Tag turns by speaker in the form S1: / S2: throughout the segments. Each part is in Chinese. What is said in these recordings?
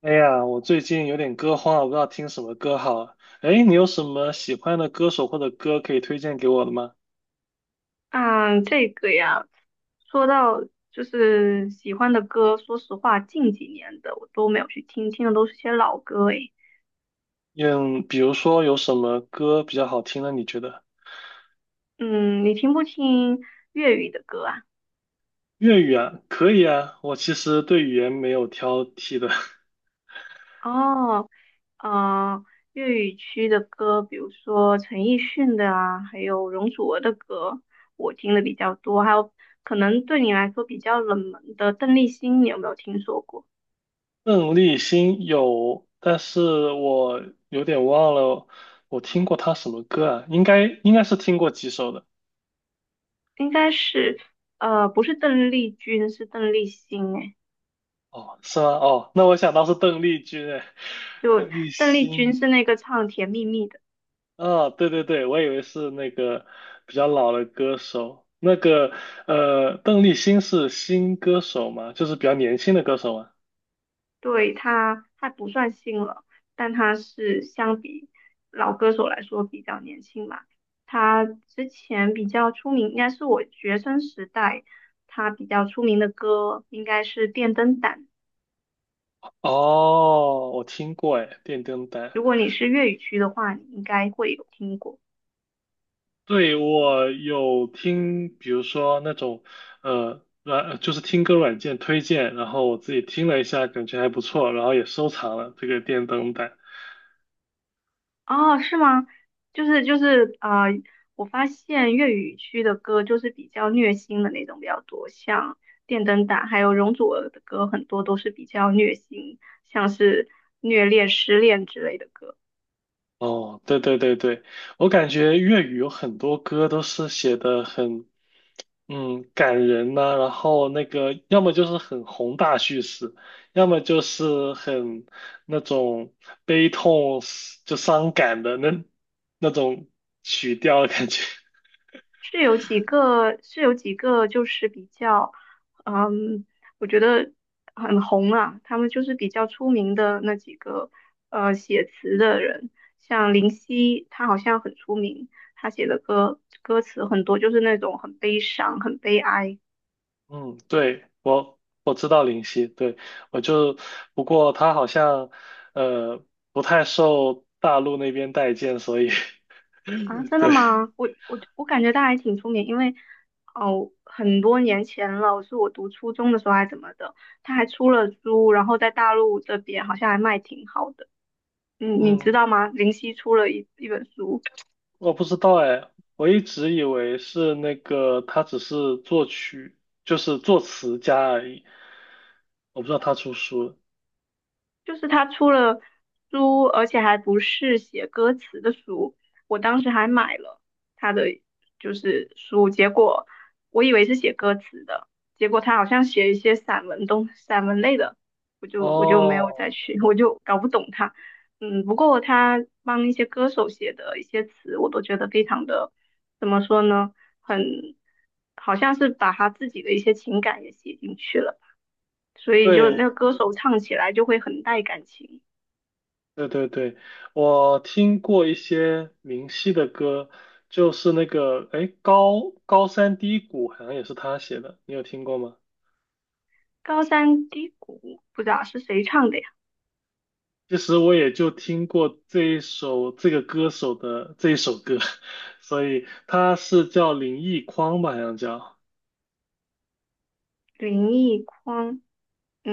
S1: 哎呀，我最近有点歌荒，我不知道听什么歌好。哎，你有什么喜欢的歌手或者歌可以推荐给我的吗？
S2: 嗯，这个呀，说到就是喜欢的歌，说实话，近几年的我都没有去听，听的都是些老歌诶。
S1: 嗯，比如说有什么歌比较好听呢？你觉得？
S2: 嗯，你听不听粤语的歌啊？
S1: 粤语啊，可以啊，我其实对语言没有挑剔的。
S2: 哦，呃，粤语区的歌，比如说陈奕迅的啊，还有容祖儿的歌，我听的比较多。还有可能对你来说比较冷门的邓丽欣，你有没有听说过？
S1: 邓丽欣有，但是我有点忘了我听过她什么歌啊，应该是听过几首的。
S2: 应该是，不是邓丽君，是邓丽欣诶。
S1: 哦，是吗？哦，那我想到是邓丽君，哎，
S2: 就
S1: 邓丽
S2: 邓丽君
S1: 欣。
S2: 是那个唱《甜蜜蜜》的，
S1: 啊，对对对，我以为是那个比较老的歌手，那个邓丽欣是新歌手吗？就是比较年轻的歌手吗？
S2: 对，她不算新了，但她是相比老歌手来说比较年轻吧。她之前比较出名，应该是我学生时代，她比较出名的歌应该是《电灯胆》。
S1: 哦，我听过哎，电灯胆，
S2: 如果你是粤语区的话，你应该会有听过。
S1: 对，我有听，比如说那种就是听歌软件推荐，然后我自己听了一下，感觉还不错，然后也收藏了这个电灯胆。
S2: 哦，是吗？就是啊，我发现粤语区的歌就是比较虐心的那种比较多，像电灯胆还有容祖儿的歌，很多都是比较虐心，像是虐恋、失恋之类的歌。
S1: 哦，对对对对，我感觉粤语有很多歌都是写的很。嗯，感人呐、然后那个要么就是很宏大叙事，要么就是很那种悲痛就伤感的那种曲调的感觉。
S2: 是有几个，是有几个，就是比较，嗯，我觉得很红啊。他们就是比较出名的那几个，写词的人，像林夕，他好像很出名，他写的歌歌词很多，就是那种很悲伤、很悲哀
S1: 嗯，对，我知道林夕，对，我就不过他好像呃不太受大陆那边待见，所以
S2: 啊。真的
S1: 对，
S2: 吗？我感觉他还挺出名，因为哦，很多年前了，是我读初中的时候还怎么的，他还出了书，然后在大陆这边好像还卖挺好的。嗯，你知
S1: 嗯。
S2: 道吗？林夕出了一本书，
S1: 我不知道哎，我一直以为是那个他只是作曲，就是作词家而已。我不知道他出书了。
S2: 就是他出了书，而且还不是写歌词的书。我当时还买了他的就是书，结果我以为是写歌词的，结果他好像写一些散文类的，我就没有
S1: 哦，
S2: 再去，我就搞不懂他。嗯，不过他帮一些歌手写的一些词，我都觉得非常的，怎么说呢，很，好像是把他自己的一些情感也写进去了。所以就那个
S1: 对
S2: 歌手唱起来就会很带感情。
S1: 对对对，我听过一些明晰的歌，就是那个哎高山低谷好像也是他写的，你有听过吗？
S2: 高山低谷不知道是谁唱的呀？
S1: 其实我也就听过这一首这个歌手的这一首歌，所以他是叫林奕匡吧，好像叫。
S2: 林奕匡，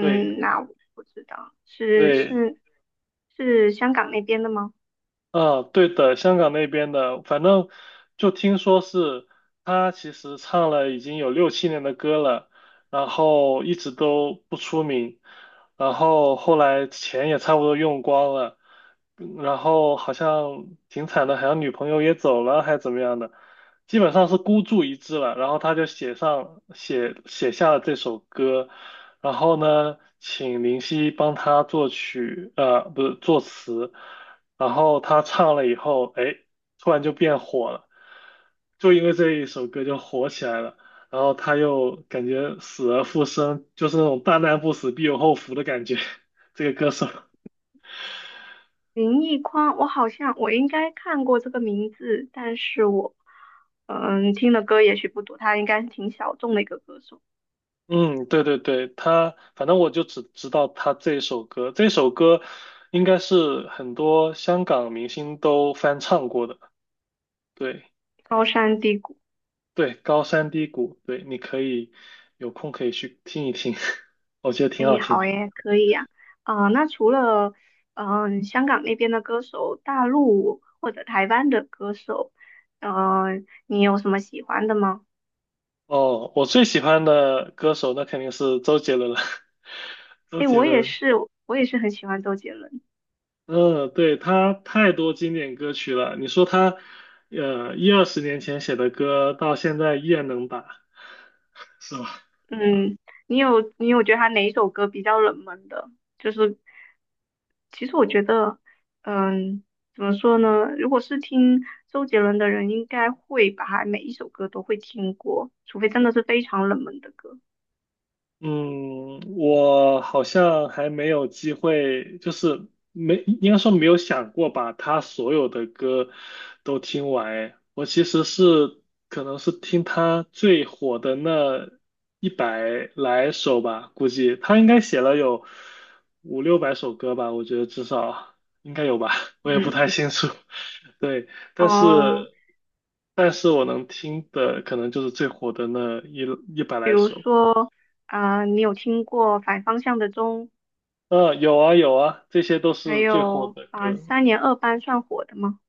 S1: 对
S2: 那我不知道，是
S1: 对
S2: 是是香港那边的吗？
S1: 嗯，对的，香港那边的，反正就听说是他其实唱了已经有六七年的歌了，然后一直都不出名，然后后来钱也差不多用光了，嗯然后好像挺惨的，好像女朋友也走了，还怎么样的，基本上是孤注一掷了，然后他就写上写写下了这首歌，然后呢，请林夕帮他作曲，不是作词。然后他唱了以后，哎，突然就变火了，就因为这一首歌就火起来了。然后他又感觉死而复生，就是那种大难不死必有后福的感觉。这个歌手，
S2: 林奕匡，我好像我应该看过这个名字，但是我听的歌也许不多，他应该是挺小众的一个歌手。
S1: 嗯，对对对，他反正我就只知道他这首歌，这首歌应该是很多香港明星都翻唱过的。对
S2: 高山低谷。
S1: 对，高山低谷，对，你可以有空可以去听一听，我觉得挺好
S2: 诶，
S1: 听
S2: 好
S1: 的。
S2: 耶，可以呀、啊。那除了香港那边的歌手，大陆或者台湾的歌手，呃，你有什么喜欢的吗？
S1: 哦，我最喜欢的歌手那肯定是周杰伦了。周
S2: 诶，
S1: 杰
S2: 我也
S1: 伦，
S2: 是，我也是很喜欢周杰伦。
S1: 嗯，对，他太多经典歌曲了。你说他，一二十年前写的歌，到现在依然能打，是吧？
S2: 嗯，你有觉得他哪一首歌比较冷门的？就是其实我觉得，嗯，怎么说呢？如果是听周杰伦的人，应该会把他每一首歌都会听过，除非真的是非常冷门的歌。
S1: 嗯，我好像还没有机会，就是没，应该说没有想过把他所有的歌都听完诶。我其实是可能是听他最火的那一百来首吧，估计他应该写了有五六百首歌吧，我觉得至少应该有吧，我也不太
S2: 嗯，
S1: 清楚。对，但
S2: 哦。
S1: 是但是我能听的可能就是最火的那一百
S2: 比
S1: 来
S2: 如
S1: 首。
S2: 说，啊、你有听过反方向的钟，
S1: 嗯，有啊有啊，这些都
S2: 还
S1: 是最火
S2: 有
S1: 的
S2: 啊、
S1: 歌。
S2: 三年二班算火的吗？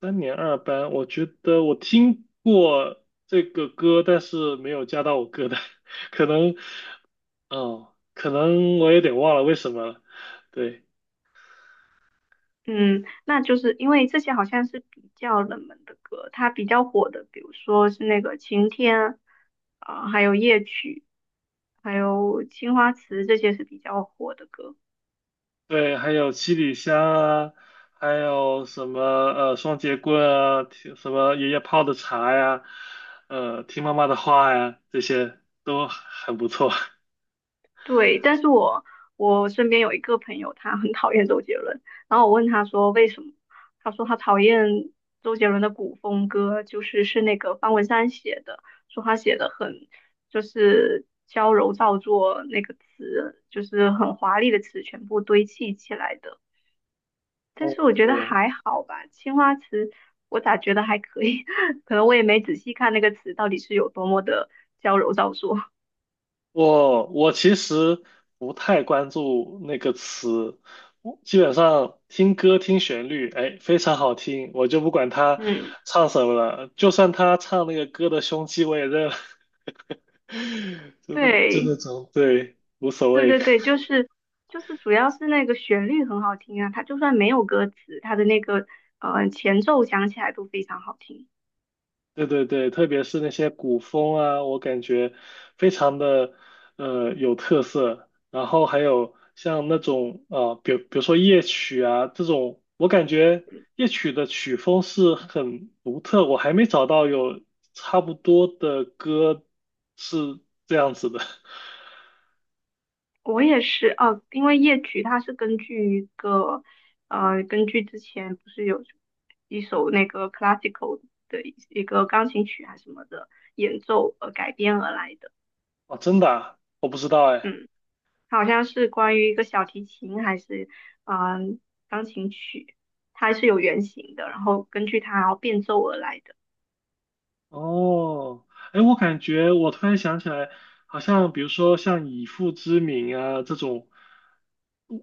S1: 三年二班，我觉得我听过这个歌，但是没有加到我歌单，可能，哦，可能我有点忘了为什么了。对
S2: 嗯，那就是因为这些好像是比较冷门的歌，它比较火的，比如说是那个《晴天》啊、还有《夜曲》，还有《青花瓷》，这些是比较火的歌。
S1: 对，还有七里香啊，还有什么双截棍啊，听什么爷爷泡的茶呀，听妈妈的话呀，这些都很不错。
S2: 对，但是我身边有一个朋友，他很讨厌周杰伦，然后我问他说为什么，他说他讨厌周杰伦的古风歌，就是那个方文山写的，说他写的很就是娇柔造作，那个词就是很华丽的词全部堆砌起来的。但
S1: 哦，
S2: 是我觉得还好吧，青花瓷我咋觉得还可以，可能我也没仔细看那个词到底是有多么的娇柔造作。
S1: 我其实不太关注那个词，我基本上听歌听旋律，哎，非常好听，我就不管 他
S2: 嗯，
S1: 唱什么了，就算他唱那个歌的凶器，我也认了，就那就
S2: 对。
S1: 那种，对，无所
S2: 对
S1: 谓。
S2: 对对，就是主要是那个旋律很好听啊，它就算没有歌词，它的那个前奏响起来都非常好听。
S1: 对对对，特别是那些古风啊，我感觉非常的有特色。然后还有像那种比如说夜曲啊这种，我感觉夜曲的曲风是很独特，我还没找到有差不多的歌是这样子的。
S2: 我也是哦，因为夜曲它是根据之前不是有一首那个 classical 的一个钢琴曲还是什么的演奏而改编而来的，
S1: 哦，真的啊我不知道哎。
S2: 嗯，它好像是关于一个小提琴还是嗯、呃钢琴曲，它是有原型的，然后根据它然后变奏而来的。
S1: 哦，哎，我感觉我突然想起来，好像比如说像以父之名啊这种，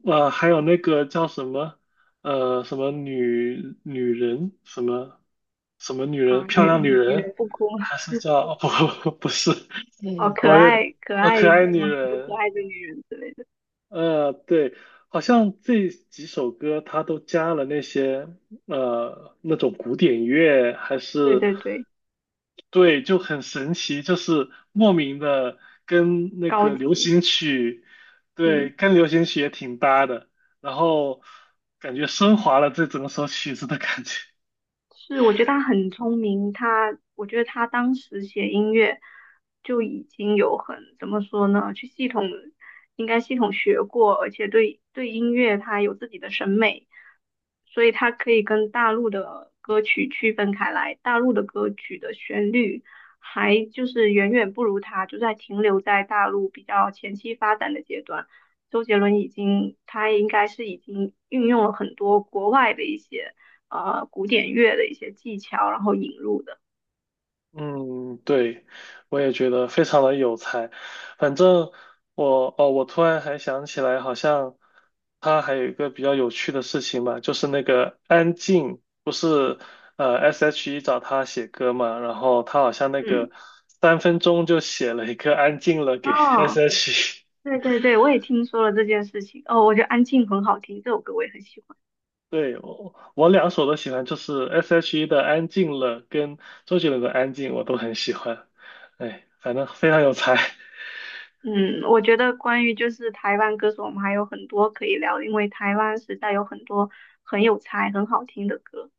S1: 还有那个叫什么，什么女人，什么女人，
S2: 啊，
S1: 漂亮女
S2: 女女
S1: 人，
S2: 人不哭，
S1: 还是叫，哦，不不是，
S2: 哦，
S1: 嗯，
S2: 可
S1: 我也，
S2: 爱可爱，
S1: 可爱
S2: 什
S1: 女
S2: 么一个可
S1: 人，
S2: 爱的女人之类的，
S1: 对，好像这几首歌它都加了那些那种古典乐，还
S2: 对
S1: 是
S2: 对对，
S1: 对，就很神奇，就是莫名的跟那
S2: 高
S1: 个流
S2: 级，
S1: 行曲，对，
S2: 嗯。
S1: 跟流行曲也挺搭的，然后感觉升华了这整首曲子的感觉。
S2: 是，我觉得他很聪明，我觉得他当时写音乐就已经有很怎么说呢，去系统应该系统学过，而且对音乐他有自己的审美，所以他可以跟大陆的歌曲区分开来，大陆的歌曲的旋律还就是远远不如他，就在停留在大陆比较前期发展的阶段。周杰伦已经，他应该是已经运用了很多国外的一些。古典乐的一些技巧，然后引入的。
S1: 嗯，对，我也觉得非常的有才。反正我突然还想起来，好像他还有一个比较有趣的事情吧，就是那个安静，不是S.H.E 找他写歌嘛，然后他好像那个
S2: 嗯，
S1: 3分钟就写了一个安静了给
S2: 哦，
S1: S.H.E。
S2: 对对对，我也听说了这件事情。哦，我觉得《安静》很好听，这首歌我也很喜欢。
S1: 对，我两首都喜欢，就是 S.H.E 的安静了跟周杰伦的安静我都很喜欢。哎，反正非常有才。
S2: 嗯，我觉得关于就是台湾歌手，我们还有很多可以聊，因为台湾实在有很多很有才、很好听的歌。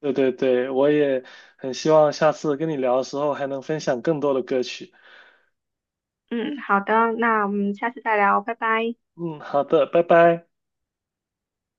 S1: 对对对，我也很希望下次跟你聊的时候还能分享更多的歌曲。
S2: 嗯，好的，那我们下次再聊，拜拜。
S1: 嗯，好的，拜拜。